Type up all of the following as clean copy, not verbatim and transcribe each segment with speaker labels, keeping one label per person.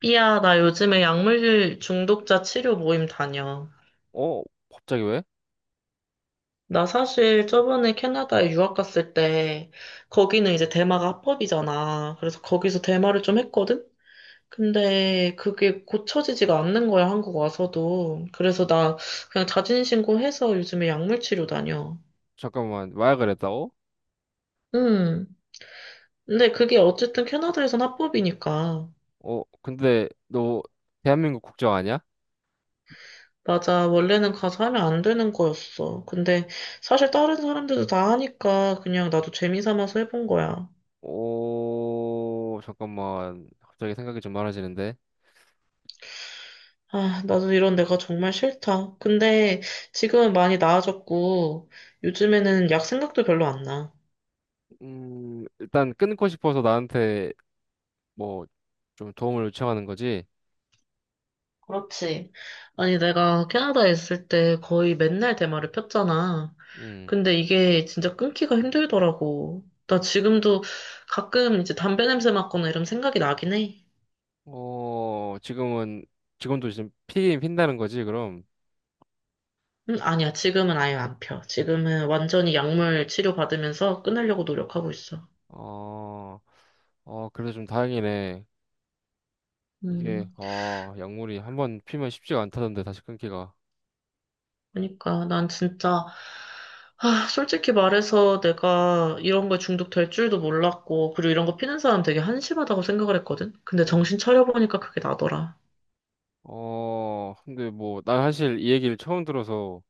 Speaker 1: 삐야, 나 요즘에 약물 중독자 치료 모임 다녀.
Speaker 2: 어? 갑자기 왜?
Speaker 1: 나 사실 저번에 캐나다에 유학 갔을 때, 거기는 이제 대마가 합법이잖아. 그래서 거기서 대마를 좀 했거든? 근데 그게 고쳐지지가 않는 거야, 한국 와서도. 그래서 나 그냥 자진신고해서 요즘에 약물 치료 다녀.
Speaker 2: 잠깐만, 마약을 했다고?
Speaker 1: 음. 근데 그게 어쨌든 캐나다에선 합법이니까.
Speaker 2: 어, 근데 너 대한민국 국적 아니야?
Speaker 1: 맞아. 원래는 가서 하면 안 되는 거였어. 근데 사실 다른 사람들도 다 하니까 그냥 나도 재미 삼아서 해본 거야.
Speaker 2: 오, 잠깐만. 갑자기 생각이 좀 많아지는데.
Speaker 1: 아, 나도 이런 내가 정말 싫다. 근데 지금은 많이 나아졌고 요즘에는 약 생각도 별로 안 나.
Speaker 2: 일단 끊고 싶어서 나한테 뭐 좀 도움을 요청하는 거지.
Speaker 1: 그렇지. 아니, 내가 캐나다에 있을 때 거의 맨날 대마를 폈잖아.
Speaker 2: 음.
Speaker 1: 근데 이게 진짜 끊기가 힘들더라고. 나 지금도 가끔 이제 담배 냄새 맡거나 이런 생각이 나긴 해.
Speaker 2: 어, 지금 피긴 핀다는 거지, 그럼.
Speaker 1: 아니야. 지금은 아예 안 펴. 지금은 완전히 약물 치료 받으면서 끊으려고 노력하고 있어.
Speaker 2: 어, 어, 그래도 좀 다행이네. 이게
Speaker 1: 음,
Speaker 2: 아, 약물이 한번 피면 쉽지가 않다던데 다시 끊기가.
Speaker 1: 그러니까 난 진짜 아, 솔직히 말해서 내가 이런 거에 중독될 줄도 몰랐고, 그리고 이런 거 피는 사람 되게 한심하다고 생각을 했거든? 근데
Speaker 2: 음.
Speaker 1: 정신 차려보니까 그게 나더라.
Speaker 2: 어, 근데 뭐, 나 사실 이 얘기를 처음 들어서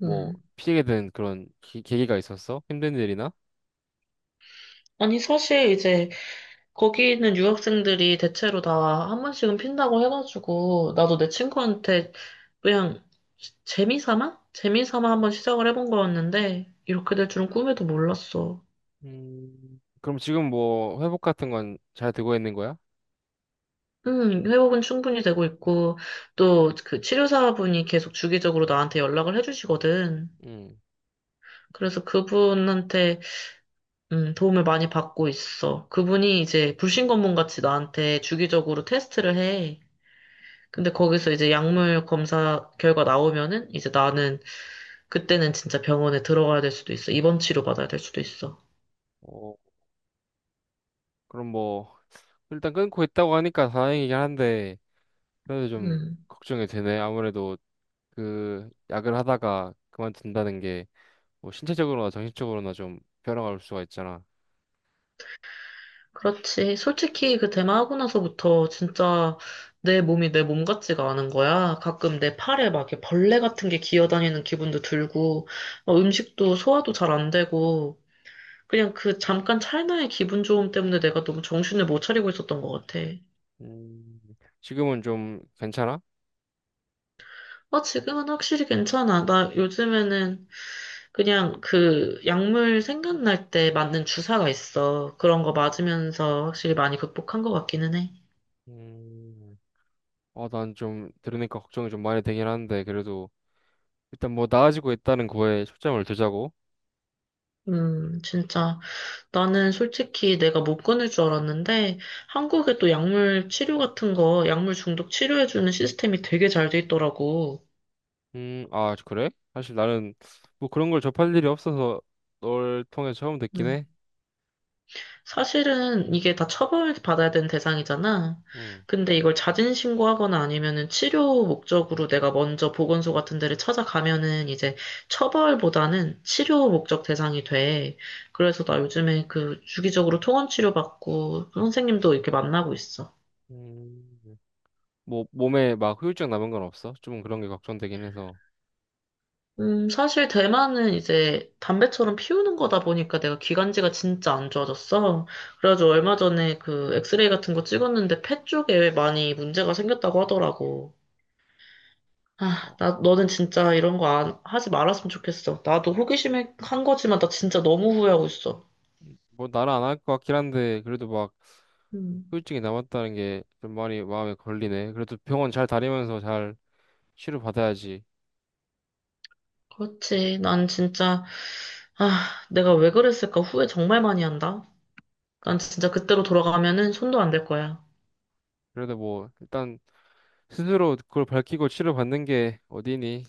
Speaker 2: 뭐,
Speaker 1: 음.
Speaker 2: 피하게 된 그런 계기가 있었어? 힘든 일이나?
Speaker 1: 아니, 사실 이제 거기 있는 유학생들이 대체로 다 한 번씩은 핀다고 해가지고, 나도 내 친구한테 그냥 재미삼아 한번 시작을 해본 거였는데 이렇게 될 줄은 꿈에도 몰랐어.
Speaker 2: 그럼 지금 뭐, 회복 같은 건 잘 되고 있는 거야?
Speaker 1: 회복은 충분히 되고 있고 또 그 치료사분이 계속 주기적으로 나한테 연락을 해주시거든.
Speaker 2: 음,
Speaker 1: 그래서 그분한테 도움을 많이 받고 있어. 그분이 이제 불신검문 같이 나한테 주기적으로 테스트를 해. 근데 거기서 이제 약물 검사 결과 나오면은 이제 나는 그때는 진짜 병원에 들어가야 될 수도 있어. 입원 치료 받아야 될 수도 있어.
Speaker 2: 어, 그럼 뭐, 일단 끊고 있다고 하니까 다행이긴 한데, 그래도 좀
Speaker 1: 음.
Speaker 2: 걱정이 되네. 아무래도 그, 약을 하다가 그만둔다는 게, 뭐, 신체적으로나 정신적으로나 좀 변화가 올 수가 있잖아.
Speaker 1: 그렇지. 솔직히 그 대마하고 나서부터 진짜 내 몸이 내 몸 같지가 않은 거야. 가끔 내 팔에 막 이렇게 벌레 같은 게 기어다니는 기분도 들고, 음식도 소화도 잘 안 되고, 그냥 그 잠깐 찰나의 기분 좋음 때문에 내가 너무 정신을 못 차리고 있었던 것 같아.
Speaker 2: 음, 지금은 좀 괜찮아?
Speaker 1: 아, 지금은 확실히 괜찮아. 나 요즘에는 그냥 그 약물 생각날 때 맞는 주사가 있어. 그런 거 맞으면서 확실히 많이 극복한 것 같기는 해.
Speaker 2: 음, 아, 난 좀 들으니까 걱정이 좀 많이 되긴 한데, 그래도 일단 뭐 나아지고 있다는 거에 초점을 두자고.
Speaker 1: 진짜. 나는 솔직히 내가 못 끊을 줄 알았는데 한국에 또 약물 치료 같은 거, 약물 중독 치료해주는 시스템이 되게 잘 돼 있더라고.
Speaker 2: 아, 그래? 사실 나는 뭐 그런 걸 접할 일이 없어서 널 통해 처음 듣긴
Speaker 1: 음.
Speaker 2: 해.
Speaker 1: 사실은 이게 다 처벌받아야 되는 대상이잖아.
Speaker 2: 음.
Speaker 1: 근데 이걸 자진 신고하거나 아니면은 치료 목적으로 내가 먼저 보건소 같은 데를 찾아가면은 이제 처벌보다는 치료 목적 대상이 돼. 그래서 나 요즘에 그 주기적으로 통원 치료 받고 선생님도 이렇게 만나고 있어.
Speaker 2: 음. 뭐 몸에 막 후유증 남은 건 없어? 좀 그런 게 걱정되긴 해서.
Speaker 1: 사실 대만은 이제 담배처럼 피우는 거다 보니까 내가 기관지가 진짜 안 좋아졌어. 그래가지고 얼마 전에 그 엑스레이 같은 거 찍었는데 폐 쪽에 많이 문제가 생겼다고 하더라고. 아,
Speaker 2: 어,
Speaker 1: 나, 너는 진짜 이런 거 안, 하지 말았으면 좋겠어. 나도 호기심에 한 거지만 나 진짜 너무 후회하고 있어.
Speaker 2: 뭐 나는 안 할 것 같긴 한데, 그래도 막
Speaker 1: 음,
Speaker 2: 후유증이 남았다는 게 좀 많이 마음에 걸리네. 그래도 병원 잘 다니면서 잘 치료받아야지.
Speaker 1: 그렇지. 난 진짜, 아, 내가 왜 그랬을까 후회 정말 많이 한다. 난 진짜 그때로 돌아가면은 손도 안 댈 거야.
Speaker 2: 그래도 뭐 일단 스스로 그걸 밝히고 치료받는 게 어디니?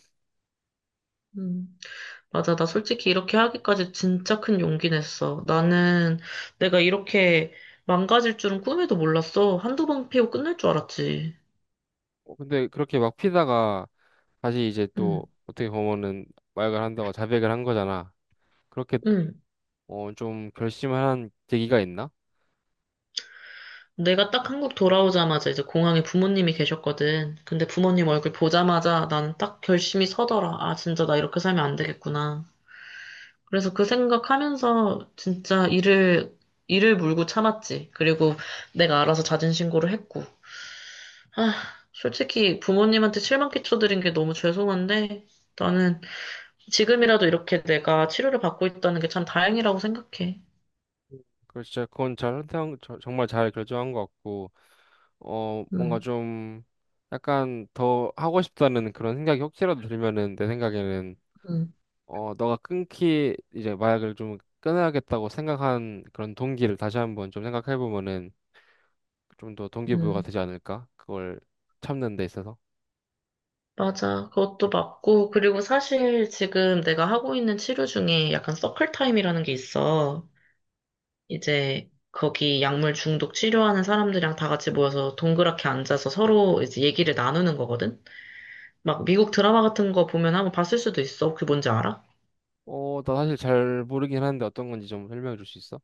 Speaker 1: 음. 맞아. 나 솔직히 이렇게 하기까지 진짜 큰 용기 냈어. 나는 내가 이렇게 망가질 줄은 꿈에도 몰랐어. 한두 번 피고 끝날 줄 알았지.
Speaker 2: 어, 근데 그렇게 막 피다가 다시 이제
Speaker 1: 응,
Speaker 2: 또 어떻게 보면은 마약을 한다고 자백을 한 거잖아. 그렇게
Speaker 1: 응.
Speaker 2: 어 좀 결심을 한 계기가 있나?
Speaker 1: 내가 딱 한국 돌아오자마자 이제 공항에 부모님이 계셨거든. 근데 부모님 얼굴 보자마자 나는 딱 결심이 서더라. 아, 진짜 나 이렇게 살면 안 되겠구나. 그래서 그 생각하면서 진짜 이를 물고 참았지. 그리고 내가 알아서 자진 신고를 했고. 아, 솔직히 부모님한테 실망 끼쳐드린 게 너무 죄송한데, 나는 지금이라도 이렇게 내가 치료를 받고 있다는 게 참 다행이라고 생각해.
Speaker 2: 그 진짜 그건 잘 정말 잘 결정한 것 같고 어 뭔가
Speaker 1: 음,
Speaker 2: 좀 약간 더 하고 싶다는 그런 생각이 혹시라도 들면은 내 생각에는
Speaker 1: 음,
Speaker 2: 어 너가 끊기 이제 마약을 좀 끊어야겠다고 생각한 그런 동기를 다시 한번 좀 생각해 보면은 좀 더 동기부여가
Speaker 1: 음.
Speaker 2: 되지 않을까? 그걸 참는 데 있어서.
Speaker 1: 맞아. 그것도 맞고, 그리고 사실 지금 내가 하고 있는 치료 중에 약간 서클 타임이라는 게 있어. 이제 거기 약물 중독 치료하는 사람들이랑 다 같이 모여서 동그랗게 앉아서 서로 이제 얘기를 나누는 거거든? 막 미국 드라마 같은 거 보면 한번 봤을 수도 있어. 그게 뭔지 알아?
Speaker 2: 어, 나 사실 잘 모르긴 하는데 어떤 건지 좀 설명해 줄 수 있어?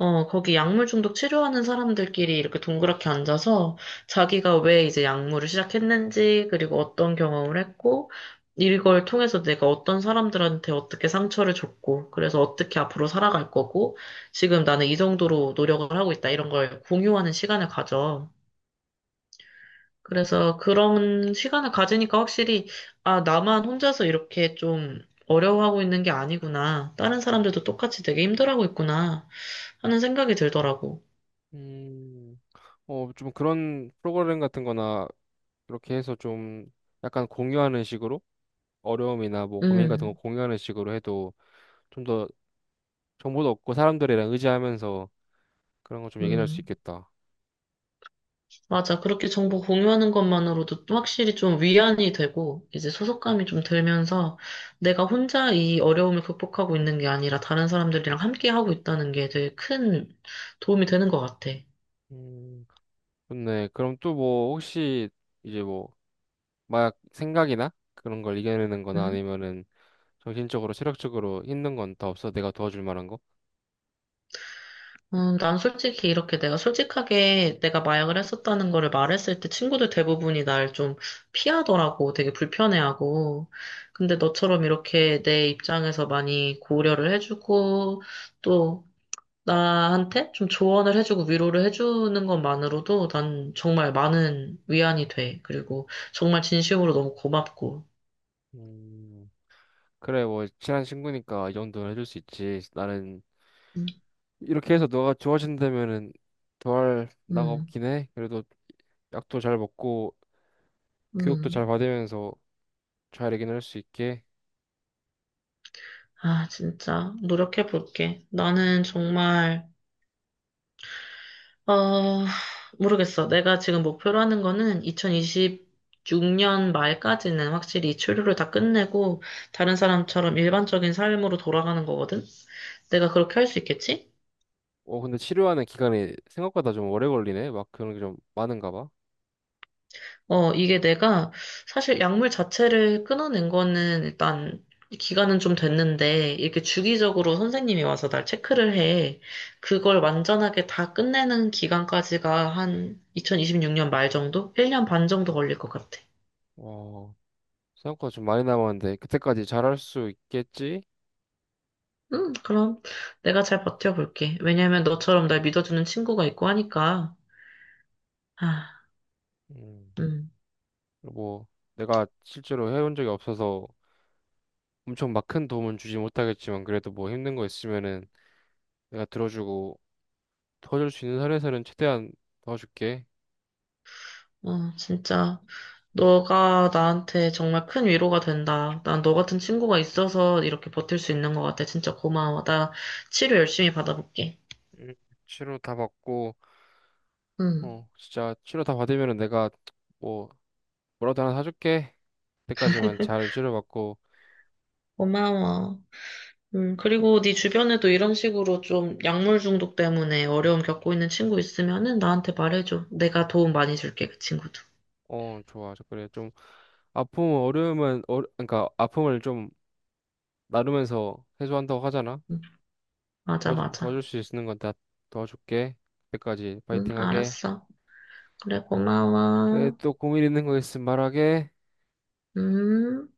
Speaker 1: 어, 거기 약물 중독 치료하는 사람들끼리 이렇게 동그랗게 앉아서 자기가 왜 이제 약물을 시작했는지, 그리고 어떤 경험을 했고, 이걸 통해서 내가 어떤 사람들한테 어떻게 상처를 줬고, 그래서 어떻게 앞으로 살아갈 거고, 지금 나는 이 정도로 노력을 하고 있다, 이런 걸 공유하는 시간을 가져. 그래서 그런 시간을 가지니까 확실히, 아, 나만 혼자서 이렇게 좀 어려워하고 있는 게 아니구나. 다른 사람들도 똑같이 되게 힘들어하고 있구나. 하는 생각이 들더라고.
Speaker 2: 음, 어, 좀 그런 프로그램 같은 거나 이렇게 해서 좀 약간 공유하는 식으로 어려움이나 뭐 고민 같은 거
Speaker 1: 음,
Speaker 2: 공유하는 식으로 해도 좀 더 정보도 얻고 사람들이랑 의지하면서 그런 거 좀 얘기할 수
Speaker 1: 음.
Speaker 2: 있겠다.
Speaker 1: 맞아. 그렇게 정보 공유하는 것만으로도 또 확실히 좀 위안이 되고, 이제 소속감이 좀 들면서 내가 혼자 이 어려움을 극복하고 있는 게 아니라 다른 사람들이랑 함께 하고 있다는 게 되게 큰 도움이 되는 것 같아.
Speaker 2: 음, 좋네. 그럼 또 뭐 혹시 이제 뭐 마약 생각이나 그런 걸 이겨내는 거나
Speaker 1: 응,
Speaker 2: 아니면은 정신적으로 체력적으로 힘든 건 다 없어? 내가 도와줄 만한 거?
Speaker 1: 난 솔직히 이렇게 내가 솔직하게 내가 마약을 했었다는 거를 말했을 때 친구들 대부분이 날 좀 피하더라고. 되게 불편해하고. 근데 너처럼 이렇게 내 입장에서 많이 고려를 해주고, 또 나한테 좀 조언을 해주고 위로를 해주는 것만으로도 난 정말 많은 위안이 돼. 그리고 정말 진심으로 너무 고맙고.
Speaker 2: 음. 그래, 뭐, 친한 친구니까 이 정도는 해줄 수 있지. 나는
Speaker 1: 음,
Speaker 2: 이렇게 해서 너가 좋아진다면은 더할 나가
Speaker 1: 음,
Speaker 2: 없긴 해. 그래도 약도 잘 먹고 교육도 잘
Speaker 1: 음.
Speaker 2: 받으면서 잘 해결할 수 있게.
Speaker 1: 아, 진짜. 노력해 볼게. 나는 정말, 어, 모르겠어. 내가 지금 목표로 하는 거는 2026년 말까지는 확실히 이 치료를 다 끝내고 다른 사람처럼 일반적인 삶으로 돌아가는 거거든? 내가 그렇게 할 수 있겠지?
Speaker 2: 어, 근데 치료하는 기간이 생각보다 좀 오래 걸리네. 막 그런 게 좀 많은가 봐.
Speaker 1: 이게 내가 사실 약물 자체를 끊어낸 거는 일단 기간은 좀 됐는데 이렇게 주기적으로 선생님이 와서 날 체크를 해. 그걸 완전하게 다 끝내는 기간까지가 한 2026년 말 정도? 1년 반 정도 걸릴 것 같아.
Speaker 2: 어, 생각보다 좀 많이 남았는데 그때까지 잘할 수 있겠지?
Speaker 1: 그럼 내가 잘 버텨볼게. 왜냐면 너처럼 날 믿어주는 친구가 있고 하니까. 아,
Speaker 2: 음,
Speaker 1: 음,
Speaker 2: 뭐 내가 실제로 해본 적이 없어서 엄청 막 큰 도움은 주지 못하겠지만 그래도 뭐 힘든 거 있으면은 내가 들어주고 도와줄 수 있는 선에서는 최대한 도와줄게.
Speaker 1: 어, 진짜. 너가 나한테 정말 큰 위로가 된다. 난 너 같은 친구가 있어서 이렇게 버틸 수 있는 것 같아. 진짜 고마워. 나 치료 열심히 받아볼게.
Speaker 2: 음, 치료 다 받고,
Speaker 1: 응.
Speaker 2: 어, 진짜 치료 다 받으면은 내가 뭐, 뭐라도 하나 사줄게. 그때까지만 잘 치료받고,
Speaker 1: 고마워. 그리고 네 주변에도 이런 식으로 좀 약물 중독 때문에 어려움 겪고 있는 친구 있으면은 나한테 말해줘. 내가 도움 많이 줄게, 그 친구도.
Speaker 2: 어, 좋아. 저 그래. 좀, 아픔, 어려움은, 어, 그러니까 아픔을 좀 나누면서 해소한다고 하잖아.
Speaker 1: 응, 맞아, 맞아.
Speaker 2: 도와줄 수 있는 건 다 도와줄게. 그때까지
Speaker 1: 응,
Speaker 2: 파이팅 하게.
Speaker 1: 알았어. 그래,
Speaker 2: 그래,
Speaker 1: 고마워.
Speaker 2: 또 고민 있는 거 있으면 말하게.
Speaker 1: 음.